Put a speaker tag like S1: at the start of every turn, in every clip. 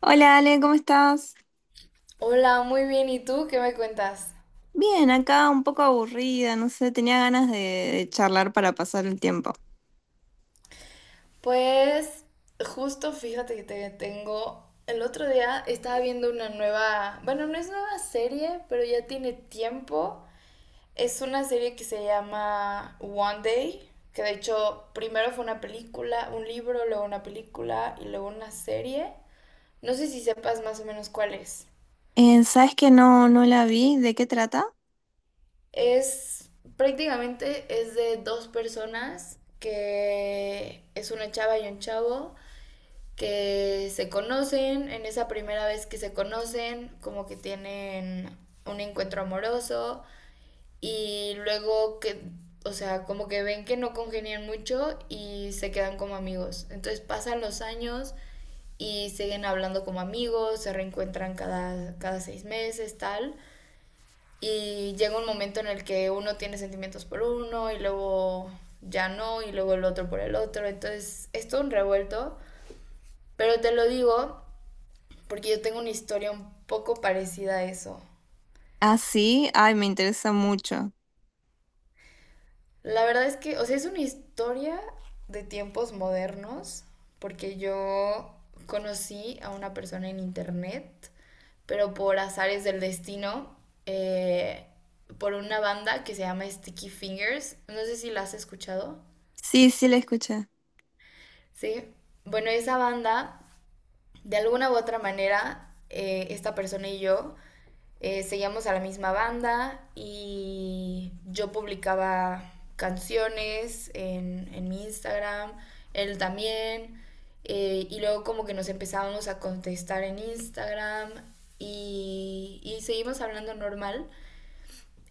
S1: Hola Ale, ¿cómo estás?
S2: Hola, muy bien. ¿Y tú qué me cuentas?
S1: Bien, acá un poco aburrida, no sé, tenía ganas de charlar para pasar el tiempo.
S2: Pues justo fíjate que te tengo... El otro día estaba viendo una nueva, bueno, no es nueva serie, pero ya tiene tiempo. Es una serie que se llama One Day, que de hecho primero fue una película, un libro, luego una película y luego una serie. No sé si sepas más o menos cuál es.
S1: ¿Sabes que no la vi? ¿De qué trata?
S2: Es prácticamente es de dos personas que es una chava y un chavo que se conocen, en esa primera vez que se conocen, como que tienen un encuentro amoroso y luego que, o sea, como que ven que no congenian mucho y se quedan como amigos. Entonces pasan los años y siguen hablando como amigos, se reencuentran cada seis meses, tal. Y llega un momento en el que uno tiene sentimientos por uno y luego ya no, y luego el otro por el otro. Entonces es todo un revuelto. Pero te lo digo porque yo tengo una historia un poco parecida a eso.
S1: Ah, sí, ay, me interesa mucho.
S2: La verdad es que, o sea, es una historia de tiempos modernos, porque yo conocí a una persona en internet, pero por azares del destino, eh, por una banda que se llama Sticky Fingers. No sé si la has escuchado.
S1: Sí, sí, la escuché.
S2: Sí. Bueno, esa banda, de alguna u otra manera, esta persona y yo seguíamos a la misma banda y yo publicaba canciones en mi Instagram, él también, y luego como que nos empezábamos a contestar en Instagram y seguimos hablando normal.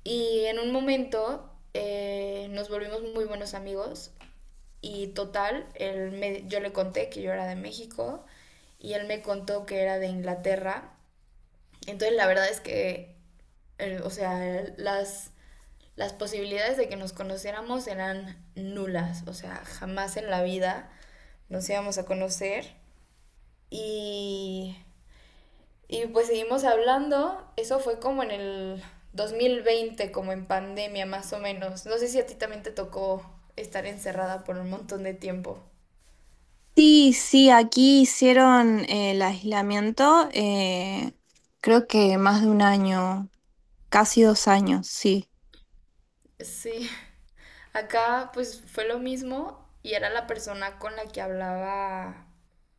S2: Y en un momento nos volvimos muy buenos amigos y total, yo le conté que yo era de México y él me contó que era de Inglaterra. Entonces la verdad es que o sea, las posibilidades de que nos conociéramos eran nulas, o sea, jamás en la vida nos íbamos a conocer. Y, y pues seguimos hablando, eso fue como en el 2020, como en pandemia más o menos. No sé si a ti también te tocó estar encerrada por un montón de tiempo.
S1: Sí, sí, aquí hicieron el aislamiento, creo que más de un año, casi dos años, sí.
S2: Sí, acá pues fue lo mismo y era la persona con la que hablaba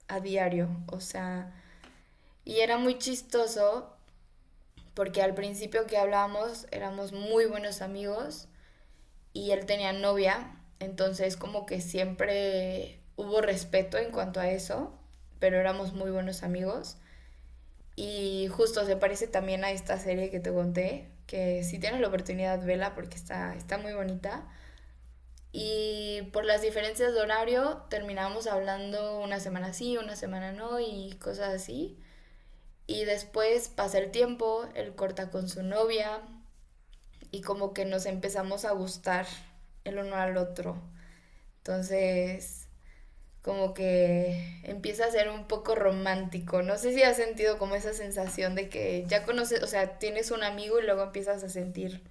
S2: a diario, o sea. Y era muy chistoso porque al principio que hablábamos éramos muy buenos amigos y él tenía novia, entonces como que siempre hubo respeto en cuanto a eso, pero éramos muy buenos amigos. Y justo se parece también a esta serie que te conté, que si tienes la oportunidad, vela porque está muy bonita. Y por las diferencias de horario terminábamos hablando una semana sí, una semana no y cosas así. Y después pasa el tiempo, él corta con su novia y como que nos empezamos a gustar el uno al otro. Entonces, como que empieza a ser un poco romántico. No sé si has sentido como esa sensación de que ya conoces, o sea, tienes un amigo y luego empiezas a sentir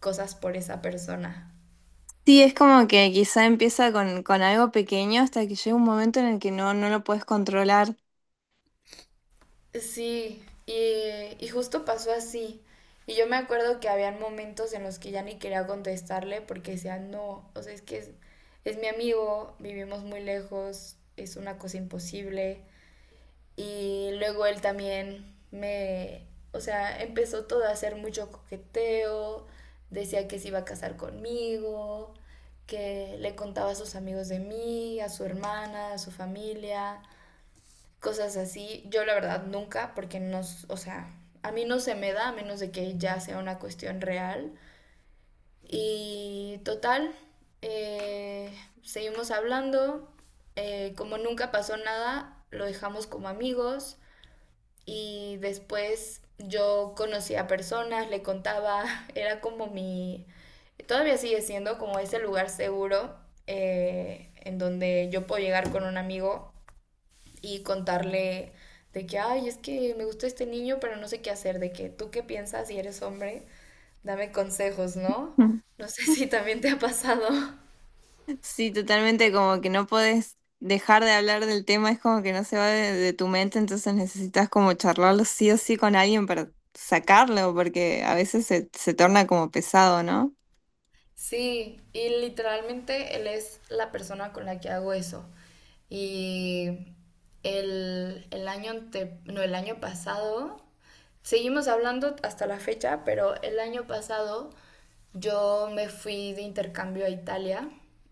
S2: cosas por esa persona.
S1: Sí, es como que quizá empieza con algo pequeño hasta que llega un momento en el que no lo puedes controlar.
S2: Sí, y justo pasó así. Y yo me acuerdo que habían momentos en los que ya ni quería contestarle porque decía, no, o sea, es que es mi amigo, vivimos muy lejos, es una cosa imposible. Y luego él también o sea, empezó todo a hacer mucho coqueteo, decía que se iba a casar conmigo, que le contaba a sus amigos de mí, a su hermana, a su familia cosas así. Yo la verdad nunca, porque no, o sea, a mí no se me da a menos de que ya sea una cuestión real. Y total, eh, seguimos hablando. Como nunca pasó nada, lo dejamos como amigos. Y después yo conocía personas, le contaba, era como mi... Todavía sigue siendo como ese lugar seguro en donde yo puedo llegar con un amigo y contarle de que, ay, es que me gusta este niño, pero no sé qué hacer, de que tú qué piensas si eres hombre, dame consejos, ¿no? No sé si también te ha pasado.
S1: Sí, totalmente, como que no podés dejar de hablar del tema, es como que no se va de tu mente, entonces necesitas como charlarlo sí o sí con alguien para sacarlo, porque a veces se torna como pesado, ¿no?
S2: Sí, y literalmente él es la persona con la que hago eso. Y el no, el año pasado, seguimos hablando hasta la fecha, pero el año pasado yo me fui de intercambio a Italia,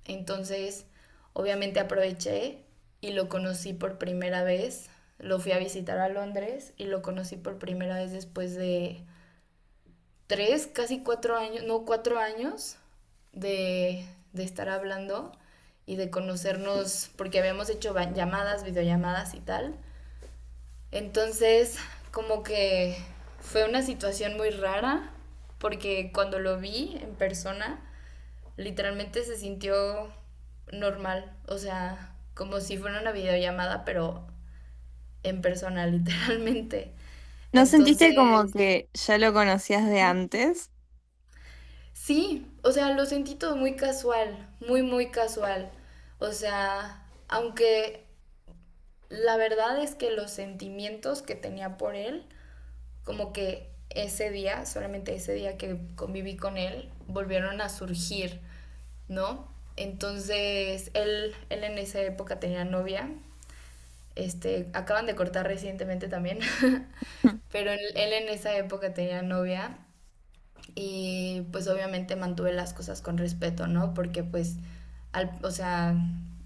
S2: entonces obviamente aproveché y lo conocí por primera vez. Lo fui a visitar a Londres y lo conocí por primera vez después de tres, casi cuatro años, no, cuatro años de, de estar hablando y de conocernos, porque habíamos hecho llamadas, videollamadas y tal. Entonces, como que fue una situación muy rara, porque cuando lo vi en persona, literalmente se sintió normal, o sea, como si fuera una videollamada, pero en persona, literalmente.
S1: ¿No sentiste como
S2: Entonces,
S1: que ya lo conocías de antes?
S2: sí, o sea, lo sentí todo muy casual, muy, muy casual. O sea, aunque la verdad es que los sentimientos que tenía por él, como que ese día, solamente ese día que conviví con él, volvieron a surgir, ¿no? Entonces, él en esa época tenía novia, este, acaban de cortar recientemente también, pero él en esa época tenía novia y pues obviamente mantuve las cosas con respeto, ¿no? Porque pues, al, o sea,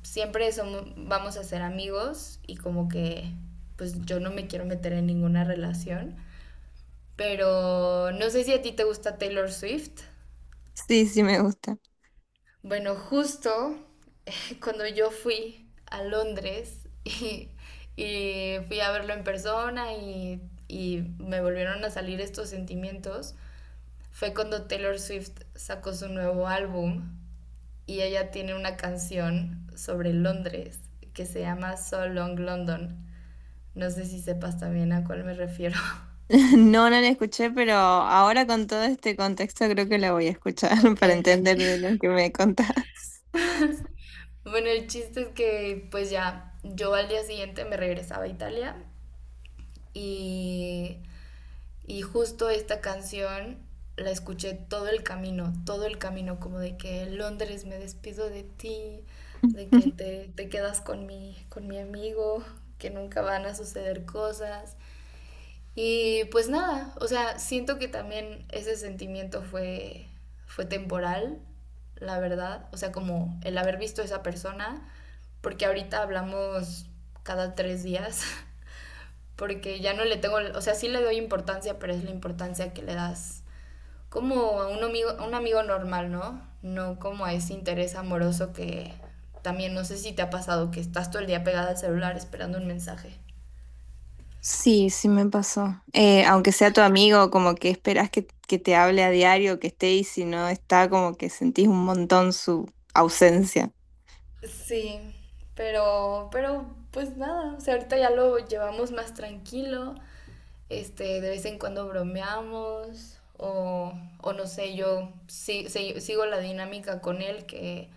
S2: siempre somos, vamos a ser amigos y como que pues yo no me quiero meter en ninguna relación. Pero no sé si a ti te gusta Taylor Swift.
S1: Sí, sí me gusta.
S2: Bueno, justo cuando yo fui a Londres y fui a verlo en persona y me volvieron a salir estos sentimientos, fue cuando Taylor Swift sacó su nuevo álbum y ella tiene una canción sobre Londres que se llama So Long London. No sé si sepas también a cuál me refiero.
S1: No, no la escuché, pero ahora con todo este contexto creo que la voy a escuchar
S2: Ok.
S1: para entender de lo que me contás.
S2: Bueno, el chiste es que pues ya yo al día siguiente me regresaba a Italia y, y justo esta canción la escuché todo el camino, como de que Londres me despido de ti, de que te quedas con con mi amigo, que nunca van a suceder cosas. Y pues nada, o sea, siento que también ese sentimiento fue temporal, la verdad. O sea, como el haber visto a esa persona, porque ahorita hablamos cada tres días, porque ya no le tengo, o sea, sí le doy importancia, pero es la importancia que le das como a un amigo normal, ¿no? No como a ese interés amoroso que también no sé si te ha pasado que estás todo el día pegada al celular esperando un mensaje.
S1: Sí, sí me pasó. Aunque sea tu amigo, como que esperas que te hable a diario, que esté y si no está, como que sentís un montón su ausencia.
S2: Sí, pero pues nada, o sea, ahorita ya lo llevamos más tranquilo, este, de vez en cuando bromeamos o no sé, yo sí, sigo la dinámica con él que,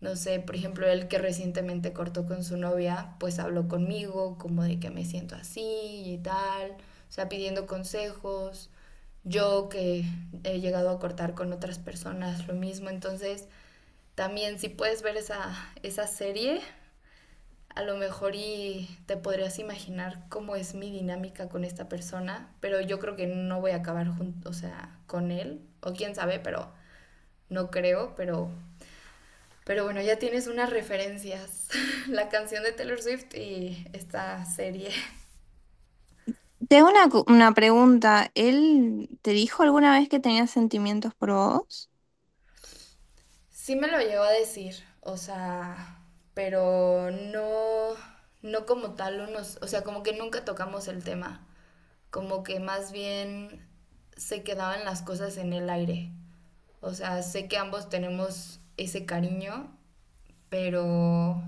S2: no sé, por ejemplo, él que recientemente cortó con su novia, pues habló conmigo como de que me siento así y tal, o sea, pidiendo consejos. Yo que he llegado a cortar con otras personas, lo mismo. Entonces, también si puedes ver esa serie, a lo mejor y te podrías imaginar cómo es mi dinámica con esta persona, pero yo creo que no voy a acabar junto, o sea, con él, o quién sabe, pero no creo, pero bueno, ya tienes unas referencias, la canción de Taylor Swift y esta serie.
S1: Te hago una, una pregunta. ¿Él te dijo alguna vez que tenía sentimientos por vos?
S2: Sí me lo llegó a decir, o sea, pero no como tal unos, o sea, como que nunca tocamos el tema, como que más bien se quedaban las cosas en el aire. O sea, sé que ambos tenemos ese cariño, pero,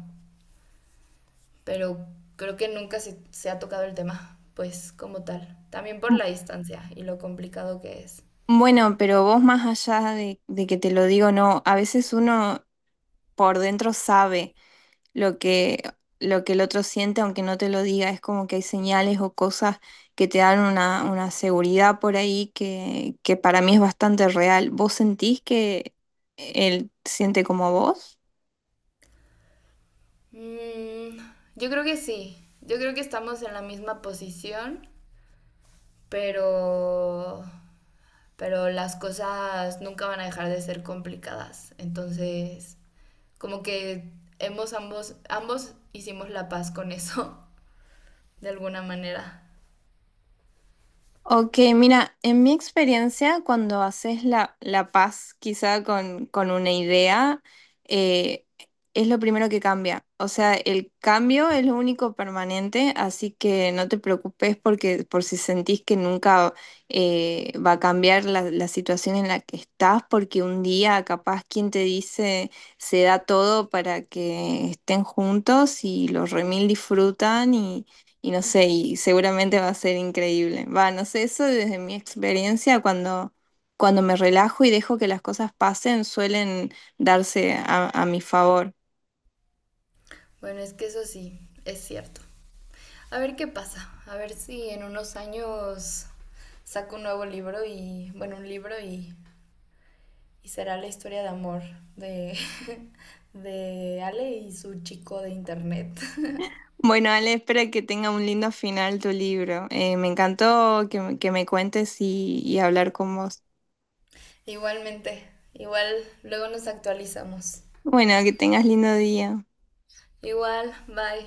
S2: pero creo que nunca se ha tocado el tema, pues como tal. También por
S1: Bu-
S2: la distancia y lo complicado que es.
S1: Bueno, pero vos más allá de que te lo digo, no, a veces uno por dentro sabe. Lo lo que el otro siente, aunque no te lo diga, es como que hay señales o cosas que te dan una seguridad por ahí que para mí es bastante real. ¿Vos sentís que él siente como vos?
S2: Mm, yo creo que sí. Yo creo que estamos en la misma posición, pero, pero las cosas nunca van a dejar de ser complicadas. Entonces, como que ambos hicimos la paz con eso, de alguna manera.
S1: Ok, mira, en mi experiencia, cuando haces la paz quizá con una idea, eh, es lo primero que cambia. O sea, el cambio es lo único permanente, así que no te preocupes porque por si sentís que nunca va a cambiar la situación en la que estás, porque un día capaz quien te dice se da todo para que estén juntos y los remil disfrutan y no sé, y seguramente va a ser increíble. Va, no sé, eso desde mi experiencia, cuando, cuando me relajo y dejo que las cosas pasen, suelen darse a mi favor.
S2: Bueno, es que eso sí, es cierto. A ver qué pasa, a ver si en unos años saco un nuevo libro y, bueno, y será la historia de amor de, de Ale y su chico de internet.
S1: Bueno, Ale, espero que tenga un lindo final tu libro. Me encantó que me cuentes y hablar con vos.
S2: Igualmente, igual luego nos actualizamos.
S1: Bueno, que tengas lindo día.
S2: Igual, bye.